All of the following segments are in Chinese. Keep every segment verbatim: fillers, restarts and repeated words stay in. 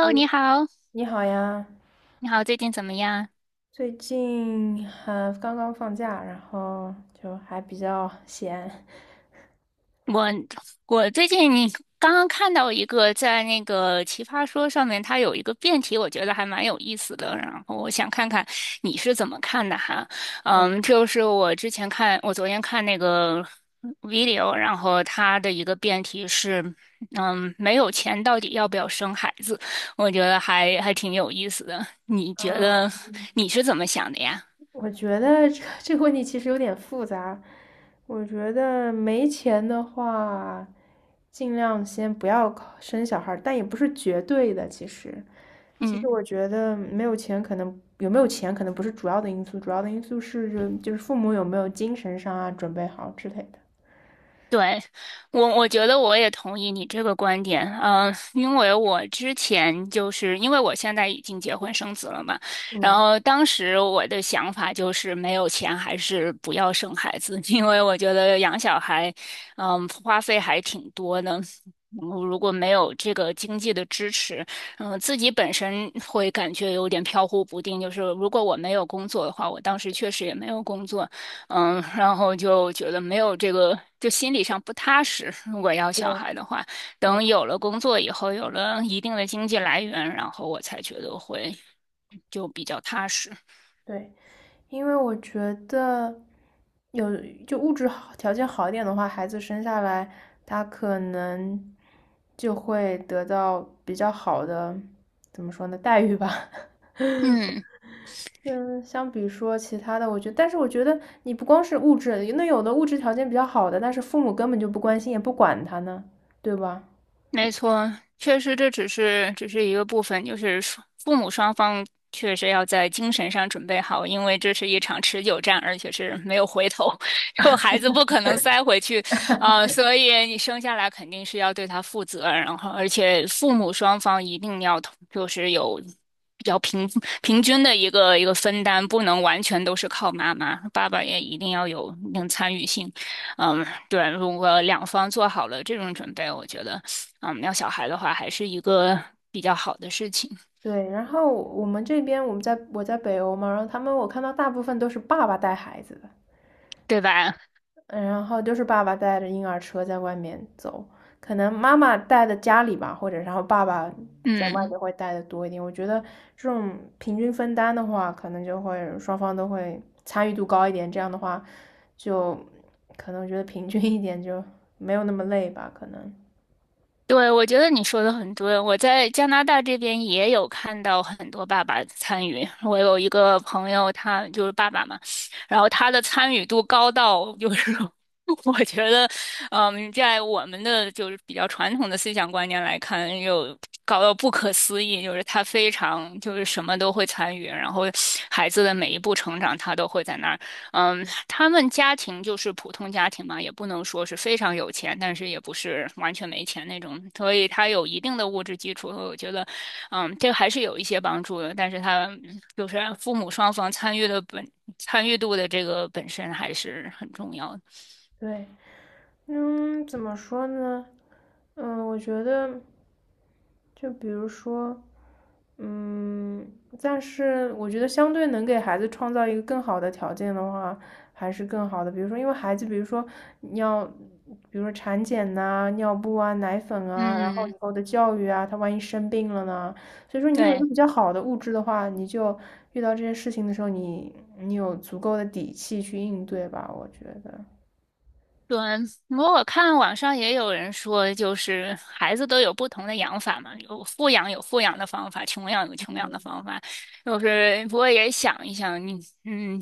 h 你 e 好，你好呀，你好，最近怎么样？最近还刚刚放假，然后就还比较闲。我我最近你刚刚看到一个在那个奇葩说上面，它有一个辩题，我觉得还蛮有意思的。然后我想看看你是怎么看的哈。嗯，嗯，就是我之前看，我昨天看那个 video，然后它的一个辩题是，嗯，没有钱到底要不要生孩子？我觉得还还挺有意思的。你觉啊，得你是怎么想的呀？我觉得这个这个问题其实有点复杂。我觉得没钱的话，尽量先不要考生小孩儿，但也不是绝对的。其实，其实嗯。我觉得没有钱，可能有没有钱可能不是主要的因素，主要的因素是就就是父母有没有精神上啊准备好之类的。对，我我觉得我也同意你这个观点，嗯、因为我之前就是因为我现在已经结婚生子了嘛，然嗯，后当时我的想法就是没有钱还是不要生孩子，因为我觉得养小孩，嗯、花费还挺多的，嗯如果没有这个经济的支持，嗯、自己本身会感觉有点飘忽不定，就是如果我没有工作的话，我当时确实也没有工作。嗯，然后就觉得没有这个，就心理上不踏实。如果要对小孩的话，对等有了工作以后，有了一定的经济来源，然后我才觉得会就比较踏实。对。因为我觉得有就物质好条件好一点的话，孩子生下来他可能就会得到比较好的，怎么说呢，待遇吧。嗯，嗯，相比说其他的，我觉得，但是我觉得你不光是物质，那有的物质条件比较好的，但是父母根本就不关心，也不管他呢，对吧？没错，确实这只是只是一个部分，就是双父母双方确实要在精神上准备好，因为这是一场持久战，而且是没有回头，后孩子不可能塞回去，啊，所以你生下来肯定是要对他负责，然后而且父母双方一定要同就是有比较平平均的一个一个分担，不能完全都是靠妈妈，爸爸也一定要有一定参与性。嗯，对，如果两方做好了这种准备，我觉得，嗯，要小孩的话，还是一个比较好的事情，对，然后我们这边我们在我在北欧嘛，然后他们我看到大部分都是爸爸带孩子的。对吧？嗯，然后就是爸爸带着婴儿车在外面走，可能妈妈带的家里吧，或者然后爸爸在外嗯。面会带的多一点。我觉得这种平均分担的话，可能就会双方都会参与度高一点，这样的话就可能觉得平均一点，就没有那么累吧，可能。对，我觉得你说的很对。我在加拿大这边也有看到很多爸爸参与。我有一个朋友，他就是爸爸嘛，然后他的参与度高到就是 我觉得，嗯，在我们的就是比较传统的思想观念来看，又高到不可思议，就是他非常就是什么都会参与，然后孩子的每一步成长他都会在那儿。嗯，他们家庭就是普通家庭嘛，也不能说是非常有钱，但是也不是完全没钱那种，所以他有一定的物质基础，我觉得，嗯，这个还是有一些帮助的。但是他就是父母双方参与的本参与度的这个本身还是很重要的。对，嗯，怎么说呢？嗯，我觉得就比如说。嗯，但是我觉得相对能给孩子创造一个更好的条件的话，还是更好的。比如说，因为孩子，比如说你要，比如说产检呐、尿布啊、奶粉啊，然后以嗯，后的教育啊，他万一生病了呢？所以说，你有一个对。比较好的物质的话，你就遇到这些事情的时候，你你有足够的底气去应对吧，我觉得。对，我看网上也有人说，就是孩子都有不同的养法嘛，有富养有富养的方法，穷养有穷养的方法。就是不过也想一想，你嗯，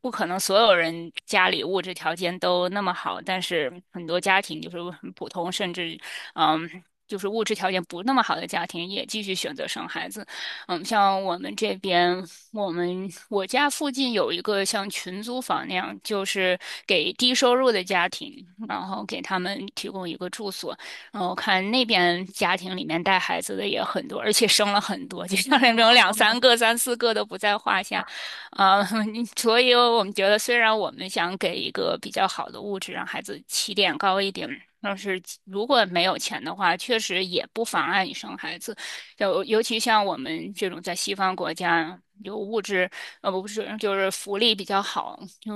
不可能所有人家里物质条件都那么好，但是很多家庭就是很普通，甚至嗯，就是物质条件不那么好的家庭也继续选择生孩子。嗯，像我们这边，我们我家附近有一个像群租房那样，就是给低收入的家庭，然后给他们提供一个住所。然后看那边家庭里面带孩子的也很多，而且生了很多，就像那种两三个、三四个都不在话下。啊。嗯，所以我们觉得，虽然我们想给一个比较好的物质，让孩子起点高一点。但是如果没有钱的话，确实也不妨碍你生孩子。就尤其像我们这种在西方国家，有物质呃不是就是福利比较好，就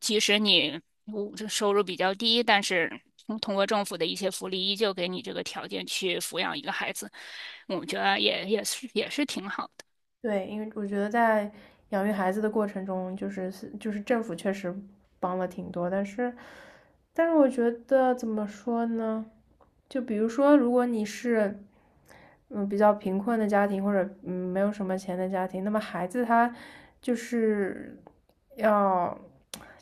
即使你物质收入比较低，但是通通过政府的一些福利，依旧给你这个条件去抚养一个孩子，我觉得也也是也是挺好的。对，因为我觉得在养育孩子的过程中，就是就是政府确实帮了挺多，但是，但是我觉得怎么说呢？就比如说，如果你是嗯比较贫困的家庭，或者嗯没有什么钱的家庭，那么孩子他就是要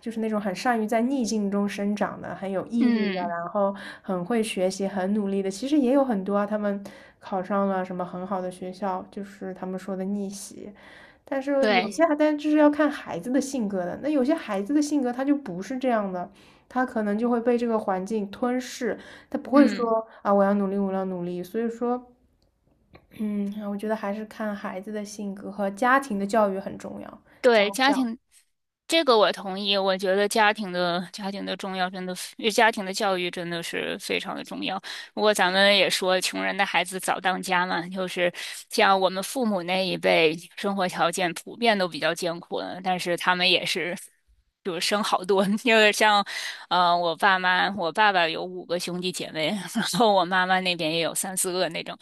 就是那种很善于在逆境中生长的，很有毅力的，嗯，然后很会学习、很努力的。其实也有很多啊，他们考上了什么很好的学校，就是他们说的逆袭。但是有些对，还，但就是要看孩子的性格的。那有些孩子的性格他就不是这样的，他可能就会被这个环境吞噬，他不会嗯嗯。说啊，我要努力，我要努力。所以说，嗯，我觉得还是看孩子的性格和家庭的教育很重要，家对，家教，庭，这个我同意。我觉得家庭的家庭的重要，真的非，家庭的教育真的是非常的重要。不过咱们也说，穷人的孩子早当家嘛，就是像我们父母那一辈，生活条件普遍都比较艰苦的，但是他们也是。就是生好多，因为像，呃，我爸妈，我爸爸有五个兄弟姐妹，然后我妈妈那边也有三四个那种，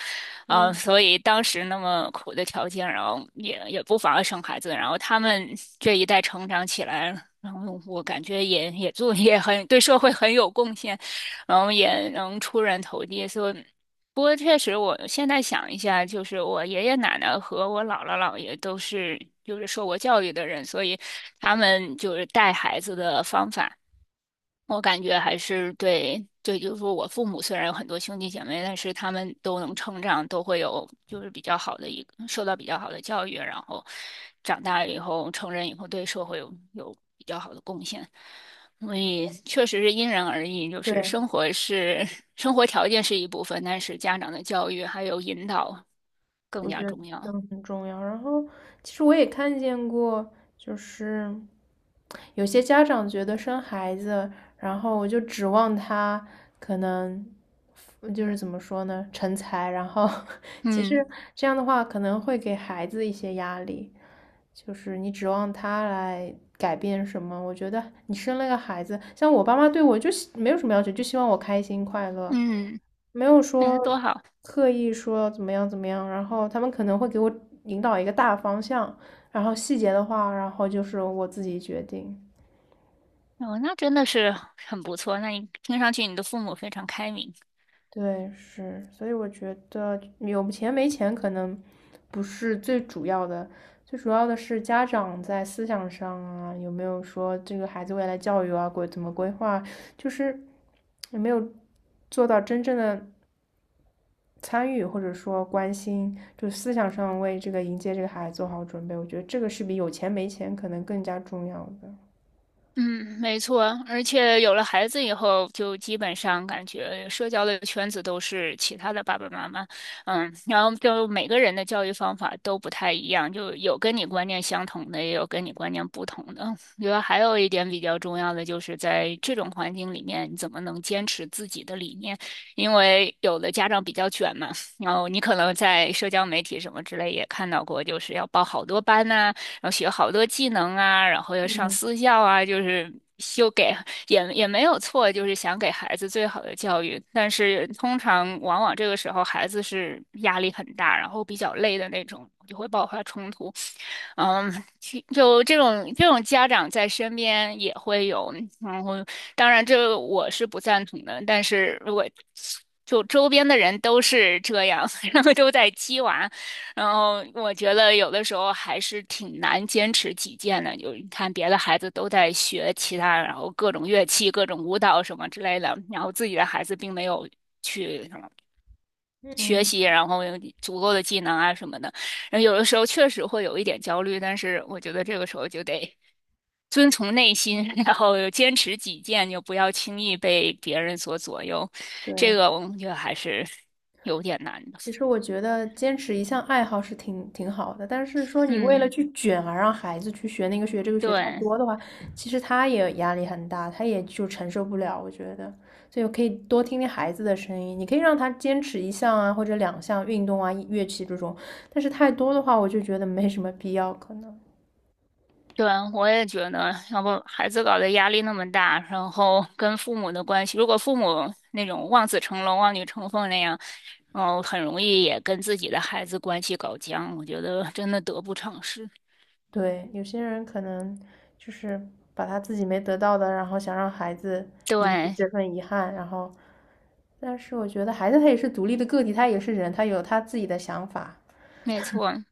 啊，呃嗯所以当时那么苦的条件，然后也也不妨碍生孩子，然后他们这一代成长起来，然后我感觉也也做也很对社会很有贡献，然后也能出人头地。所以，不过确实，我现在想一下，就是我爷爷奶奶和我姥姥姥爷都是就是受过教育的人，所以他们就是带孩子的方法。我感觉还是对，对，就是说我父母虽然有很多兄弟姐妹，但是他们都能成长，都会有就是比较好的一个受到比较好的教育，然后长大以后成人以后对社会有有比较好的贡献，所以确实是因人而异，就是对，生活是 生活条件是一部分，但是家长的教育还有引导更加重都要。很重要。然后，其实我也看见过，就是有些家长觉得生孩子，然后我就指望他可能。就是怎么说呢，成才，然后 其实嗯这样的话可能会给孩子一些压力，就是你指望他来改变什么？我觉得你生了个孩子，像我爸妈对我就希没有什么要求，就希望我开心快乐，嗯，没有说那多好，刻意说怎么样怎么样。然后他们可能会给我引导一个大方向，然后细节的话，然后就是我自己决定。哦，那真的是很不错。那你听上去你的父母非常开明。对，是，所以我觉得有钱没钱可能不是最主要的，最主要的是家长在思想上啊，有没有说这个孩子未来教育啊，规怎么规划，就是有没有做到真正的参与或者说关心，就思想上为这个迎接这个孩子做好准备，我觉得这个是比有钱没钱可能更加重要的。嗯，没错，而且有了孩子以后，就基本上感觉社交的圈子都是其他的爸爸妈妈，嗯，然后就每个人的教育方法都不太一样，就有跟你观念相同的，也有跟你观念不同的。我觉得还有一点比较重要的，就是在这种环境里面，你怎么能坚持自己的理念？因为有的家长比较卷嘛，然后你可能在社交媒体什么之类也看到过，就是要报好多班呐、然后学好多技能啊，然后要上嗯。私校啊，就是就给也也没有错，就是想给孩子最好的教育。但是通常往往这个时候孩子是压力很大，然后比较累的那种，就会爆发冲突。嗯，其就这种这种家长在身边也会有，然后当然这我是不赞同的，但是如果就周边的人都是这样，然后都在鸡娃，然后我觉得有的时候还是挺难坚持己见的。就你看别的孩子都在学其他，然后各种乐器、各种舞蹈什么之类的，然后自己的孩子并没有去学嗯，习，然后有足够的技能啊什么的。然后有的时候确实会有一点焦虑，但是我觉得这个时候就得 遵从内心，然后坚持己见，就不要轻易被别人所左右。这对。个我觉得还是有点难的。其实我觉得坚持一项爱好是挺挺好的，但是说你为了嗯，去卷而让孩子去学那个学这个学太对。多的话，其实他也压力很大，他也就承受不了，我觉得。所以我可以多听听孩子的声音，你可以让他坚持一项啊，或者两项运动啊、乐器这种，但是太多的话，我就觉得没什么必要，可能。对，我也觉得，要不孩子搞得压力那么大，然后跟父母的关系，如果父母那种望子成龙、望女成凤那样，然后很容易也跟自己的孩子关系搞僵，我觉得真的得不偿失。对，有些人可能就是把他自己没得到的，然后想让孩子弥补对，这份遗憾，然后，但是我觉得孩子他也是独立的个体，他也是人，他有他自己的想法，没错，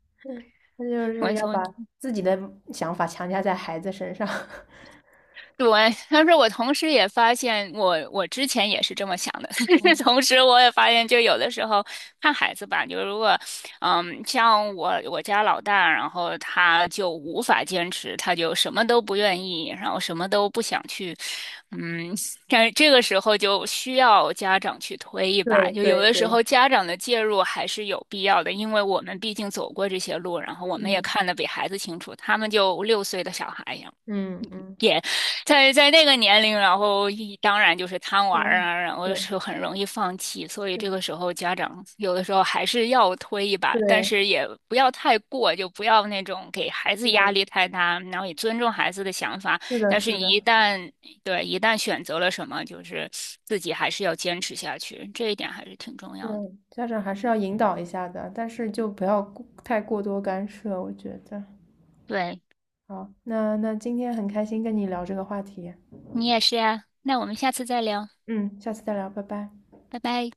他就是没要错。把自己的想法强加在孩子身上。对，但是我同时也发现我，我之前也是这么想的。嗯同时，我也发现，就有的时候看孩子吧，就如果，嗯，像我我家老大，然后他就无法坚持，他就什么都不愿意，然后什么都不想去，嗯，但这个时候就需要家长去推一把。对就有对的时对，候家长的介入还是有必要的，因为我们毕竟走过这些路，然后我们也嗯看得比孩子清楚。他们就六岁的小孩，嗯嗯，在在那个年龄，然后一当然就是贪对玩儿啊，然后就对是很容易放弃，所以对这个时候家长有的时候还是要推一把，但对，是也不要太过，就不要那种给孩子压力我太大，然后也尊重孩子的想法。是的，但是是你的，一旦，对，一旦选择了什么，就是自己还是要坚持下去，这一点还是挺重要对，的。家长还是要引导一下的，但是就不要过太过多干涉，我觉得。对，好，那那今天很开心跟你聊这个话题，你也是呀，那我们下次再聊，嗯，下次再聊，拜拜。拜拜。